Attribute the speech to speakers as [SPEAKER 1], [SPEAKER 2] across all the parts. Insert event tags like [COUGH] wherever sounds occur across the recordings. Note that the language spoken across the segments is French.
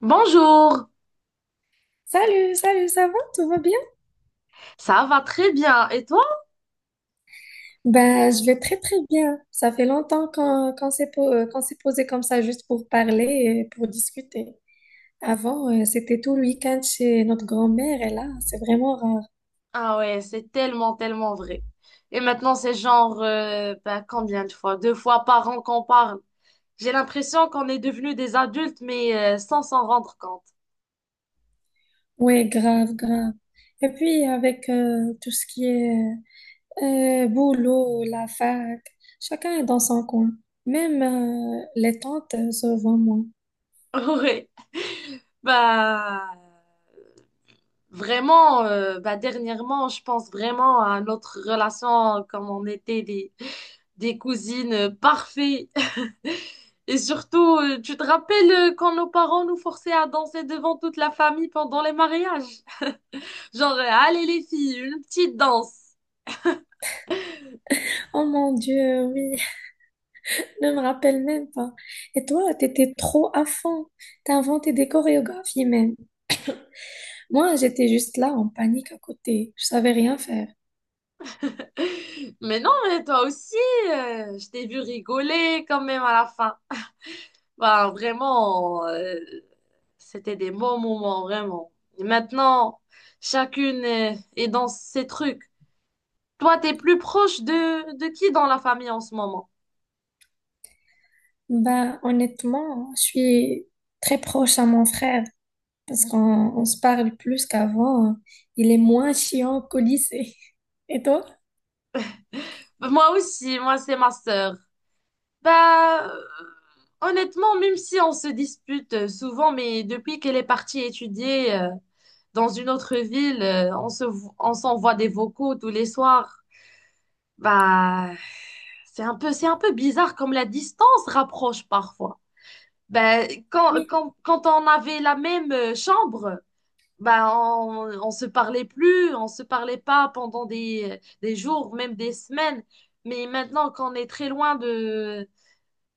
[SPEAKER 1] Bonjour,
[SPEAKER 2] Salut, salut, ça va? Tout va bien?
[SPEAKER 1] ça va très bien. Et toi?
[SPEAKER 2] Ben, je vais très très bien. Ça fait longtemps qu'on qu'on s'est posé comme ça juste pour parler et pour discuter. Avant, c'était tout le week-end chez notre grand-mère et là, c'est vraiment rare.
[SPEAKER 1] Ah ouais, c'est tellement, tellement vrai. Et maintenant, c'est genre, combien de fois? Deux fois par an qu'on parle. J'ai l'impression qu'on est devenus des adultes, mais sans s'en rendre compte. [LAUGHS]
[SPEAKER 2] Ouais, grave, grave. Et puis avec tout ce qui est boulot, la fac, chacun est dans son coin. Même les tantes se voient moins.
[SPEAKER 1] Ouais, bah vraiment, bah, dernièrement, je pense vraiment à notre relation comme on était des cousines parfaites. Et surtout, tu te rappelles quand nos parents nous forçaient à danser devant toute la famille pendant les mariages? Genre, allez les filles, une petite danse.
[SPEAKER 2] Oh mon Dieu, oui. Je me rappelle même pas. Et toi, t'étais trop à fond. T'as inventé des chorégraphies même. Moi, j'étais juste là en panique à côté. Je savais rien faire.
[SPEAKER 1] [LAUGHS] Mais non, mais toi aussi, je t'ai vu rigoler quand même à la fin. Bah, vraiment, c'était des bons moments, vraiment. Et maintenant, chacune est, est dans ses trucs. Toi, t'es plus proche de qui dans la famille en ce moment?
[SPEAKER 2] Bah, honnêtement, je suis très proche à mon frère parce qu'on on se parle plus qu'avant. Il est moins chiant qu'au lycée. [LAUGHS] Et toi?
[SPEAKER 1] Moi aussi, moi, c'est ma sœur. Bah, honnêtement, même si on se dispute souvent, mais depuis qu'elle est partie étudier dans une autre ville, on se, on s'envoie des vocaux tous les soirs. Bah, c'est un peu bizarre comme la distance rapproche parfois. Bah, quand,
[SPEAKER 2] Oui,
[SPEAKER 1] quand, quand on avait la même chambre, bah, on se parlait plus, on se parlait pas pendant des jours, même des semaines. Mais maintenant qu'on est très loin de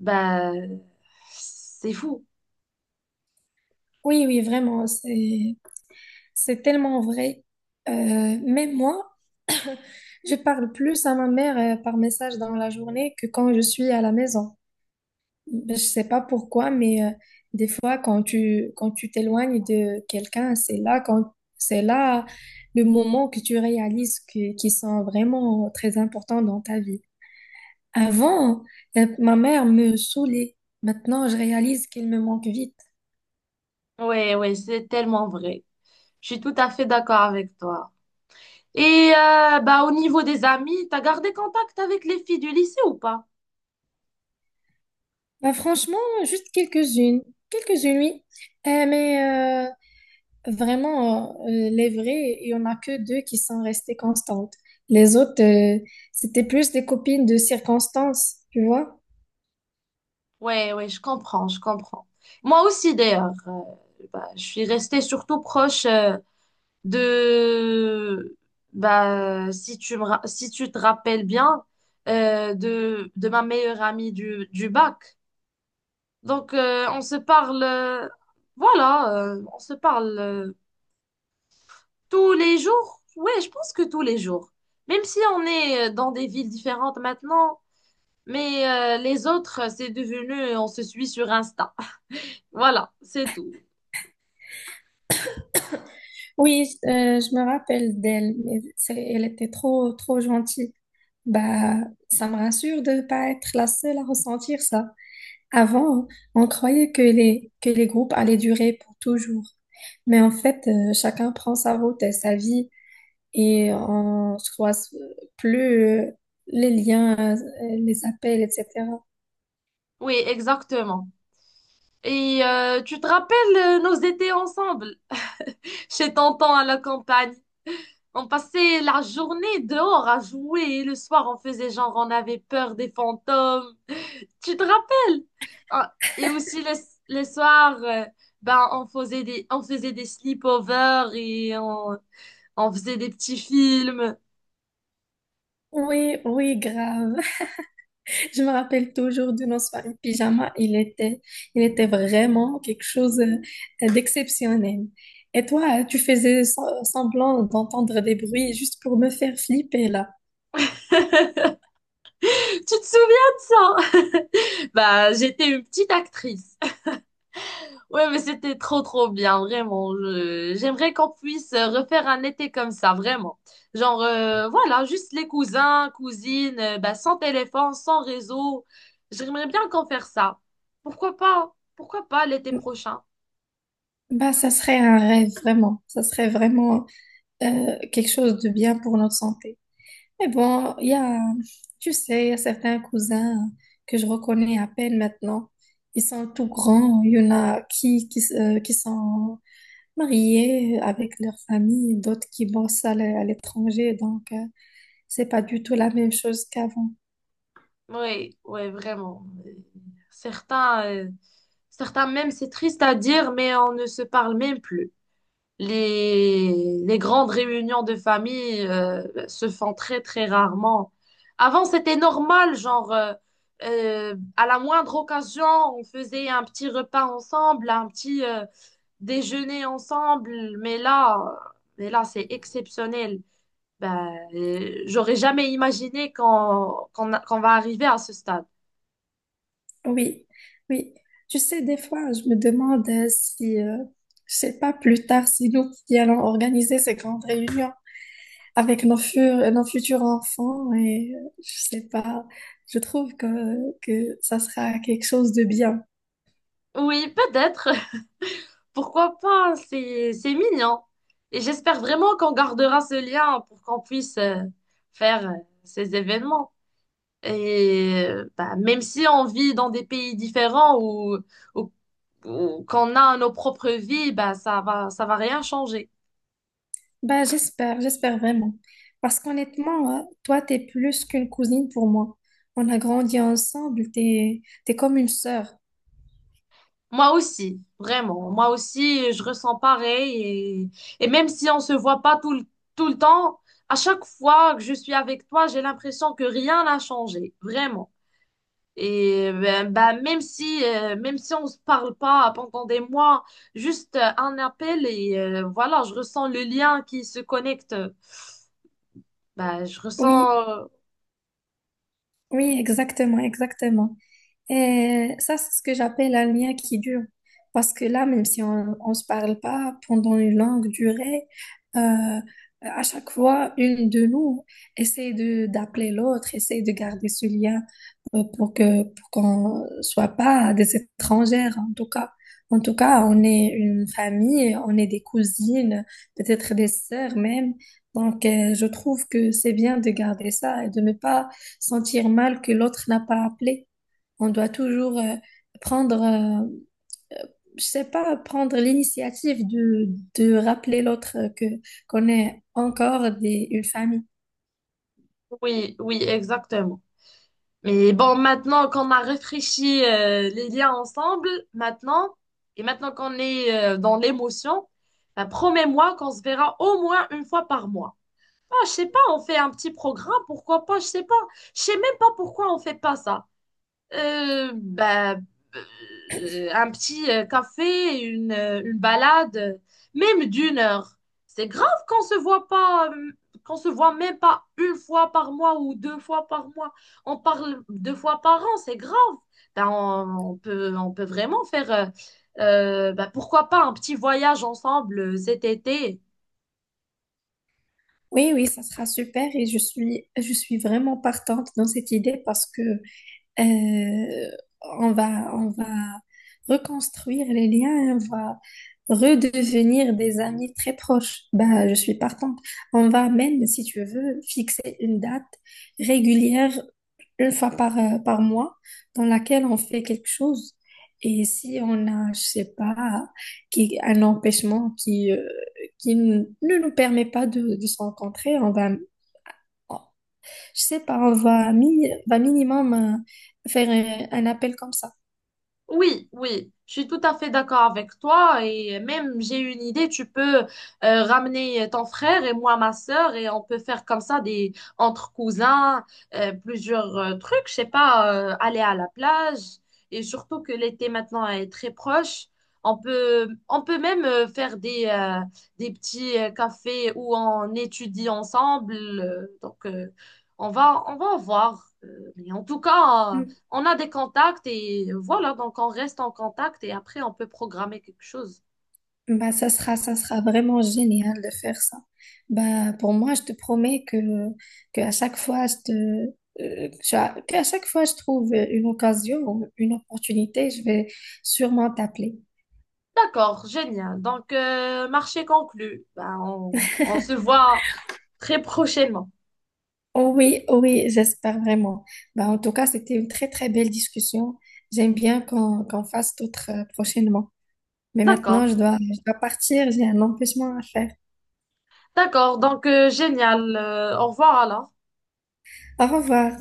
[SPEAKER 1] bah, c'est fou.
[SPEAKER 2] oui, oui, vraiment. C'est tellement vrai. Même moi, [LAUGHS] je parle plus à ma mère par message dans la journée que quand je suis à la maison. Je sais pas pourquoi, mais des fois, quand tu t'éloignes de quelqu'un, c'est là le moment que tu réalises que qu'ils sont vraiment très importants dans ta vie. Avant, ma mère me saoulait. Maintenant, je réalise qu'elle me manque vite.
[SPEAKER 1] Ouais, ouais, c'est tellement vrai. Je suis tout à fait d'accord avec toi. Et bah, au niveau des amis, t'as gardé contact avec les filles du lycée ou pas?
[SPEAKER 2] Bah, franchement, juste quelques-unes, quelques-unes, oui. Euh, mais euh, vraiment, les vrais, il y en a que deux qui sont restées constantes. Les autres, c'était plus des copines de circonstances, tu vois.
[SPEAKER 1] Ouais, ouais, je comprends, je comprends. Moi aussi, d'ailleurs, bah, je suis restée surtout proche de, bah, si tu me, si tu te rappelles bien, de ma meilleure amie du bac. Donc, on se parle, voilà, on se parle tous les jours. Ouais, je pense que tous les jours. Même si on est dans des villes différentes maintenant, mais les autres, c'est devenu, on se suit sur Insta. [LAUGHS] Voilà, c'est tout.
[SPEAKER 2] Oui, je me rappelle d'elle, elle était trop, trop gentille. Bah, ça me rassure de ne pas être la seule à ressentir ça. Avant, on croyait que les groupes allaient durer pour toujours. Mais en fait, chacun prend sa route et sa vie, et on se croise plus les liens, les appels, etc.
[SPEAKER 1] Oui, exactement. Et tu te rappelles nos étés ensemble, [LAUGHS] chez Tonton à la campagne. On passait la journée dehors à jouer et le soir, on faisait genre, on avait peur des fantômes. Tu te rappelles? Ah, et aussi le soir, ben, on faisait des sleepovers et on faisait des petits films.
[SPEAKER 2] Oui, oui, grave. Je me rappelle toujours de nos soirées pyjama. Il était vraiment quelque chose d'exceptionnel. Et toi, tu faisais semblant d'entendre des bruits juste pour me faire flipper là.
[SPEAKER 1] [LAUGHS] Tu te souviens de ça? Bah, j'étais une petite actrice. [LAUGHS] Ouais, mais c'était trop, trop bien, vraiment. J'aimerais qu'on puisse refaire un été comme ça, vraiment. Genre, voilà, juste les cousins, cousines, bah, sans téléphone, sans réseau. J'aimerais bien qu'on fasse ça. Pourquoi pas? Pourquoi pas l'été prochain?
[SPEAKER 2] Bah, ça serait un rêve, vraiment. Ça serait vraiment quelque chose de bien pour notre santé. Mais bon, tu sais, il y a certains cousins que je reconnais à peine maintenant. Ils sont tout grands. Il y en a qui sont mariés avec leur famille, d'autres qui bossent à l'étranger. Donc, c'est pas du tout la même chose qu'avant.
[SPEAKER 1] Oui, oui, vraiment. Certains, certains même, c'est triste à dire, mais on ne se parle même plus. Les grandes réunions de famille, se font très, très rarement. Avant, c'était normal, genre, à la moindre occasion, on faisait un petit repas ensemble, un petit, déjeuner ensemble, mais là, c'est exceptionnel. Ben, j'aurais jamais imaginé qu'on va arriver à ce stade.
[SPEAKER 2] Oui, oui. Tu sais, des fois, je me demande si, je sais pas, plus tard, si nous qui allons organiser ces grandes réunions avec nos futurs enfants et je sais pas, je trouve que ça sera quelque chose de bien.
[SPEAKER 1] Oui, peut-être. [LAUGHS] Pourquoi pas? C'est mignon. Et j'espère vraiment qu'on gardera ce lien pour qu'on puisse faire ces événements. Et bah, même si on vit dans des pays différents ou, ou- ou qu'on a nos propres vies, bah, ça va rien changer.
[SPEAKER 2] Ben j'espère, j'espère vraiment. Parce qu'honnêtement, toi, t'es plus qu'une cousine pour moi. On a grandi ensemble, t'es comme une sœur.
[SPEAKER 1] Moi aussi, vraiment. Moi aussi, je ressens pareil. Et même si on se voit pas tout le, tout le temps, à chaque fois que je suis avec toi, j'ai l'impression que rien n'a changé. Vraiment. Et ben, ben, même si on se parle pas pendant des mois, juste un appel et voilà, je ressens le lien qui se connecte. Ben, je
[SPEAKER 2] Oui,
[SPEAKER 1] ressens,
[SPEAKER 2] oui, exactement, exactement. Et ça, c'est ce que j'appelle un lien qui dure. Parce que là, même si on ne se parle pas pendant une longue durée, euh, à chaque fois, une de nous essaie de d'appeler l'autre, essaie de garder ce lien pour que pour qu'on soit pas des étrangères, en tout cas. En tout cas, on est une famille, on est des cousines, peut-être des sœurs même. Donc, je trouve que c'est bien de garder ça et de ne pas sentir mal que l'autre n'a pas appelé. On doit toujours prendre, euh, euh, je sais pas, prendre de rappeler l'autre que qu'on est encore une famille.
[SPEAKER 1] oui, oui, exactement. Mais bon, maintenant qu'on a réfléchi les liens ensemble, maintenant, et maintenant qu'on est dans l'émotion, ben, promets-moi qu'on se verra au moins une fois par mois. Ah, je sais pas, on fait un petit programme, pourquoi pas, je sais pas. Je sais même pas pourquoi on fait pas ça. Bah, un petit café, une balade, même d'une heure. C'est grave qu'on se voit pas, qu'on se voit même pas une fois par mois ou deux fois par mois. On parle deux fois par an, c'est grave. Ben, on peut vraiment faire, ben, pourquoi pas un petit voyage ensemble cet été.
[SPEAKER 2] Oui, oui, ça sera super et je suis vraiment partante dans cette idée parce que Euh, on va reconstruire les liens, on va redevenir des amis très proches. Bah, je suis partante. On va même, si tu veux, fixer une date régulière une fois par, par mois dans laquelle on fait quelque chose. Et si on a, je sais pas, un empêchement qui ne nous permet pas de se rencontrer, on va, je sais pas, va minimum faire un appel comme ça.
[SPEAKER 1] Oui, oui, je suis tout à fait d'accord avec toi et même j'ai une idée, tu peux ramener ton frère et moi ma sœur et on peut faire comme ça des entre cousins, plusieurs trucs, je sais pas, aller à la plage et surtout que l'été maintenant est très proche, on peut même faire des petits cafés où on étudie ensemble, donc on va voir. Mais en tout cas.
[SPEAKER 2] Mm.
[SPEAKER 1] On a des contacts et voilà, donc on reste en contact et après on peut programmer quelque chose.
[SPEAKER 2] Bah, ça sera vraiment génial de faire ça. Bah, pour moi, je te promets que à chaque fois, je te, cha- que à chaque fois je trouve une occasion ou une opportunité, je vais sûrement t'appeler.
[SPEAKER 1] D'accord, génial. Donc, marché conclu. Ben, on se voit très prochainement.
[SPEAKER 2] Oh oui, oh oui, j'espère vraiment. Bah, en tout cas, c'était une très très belle discussion. J'aime bien qu'on fasse d'autres prochainement. Mais
[SPEAKER 1] D'accord,
[SPEAKER 2] maintenant, je dois partir, j'ai un empêchement à faire.
[SPEAKER 1] d'accord. Donc, génial. Au revoir alors.
[SPEAKER 2] Au revoir.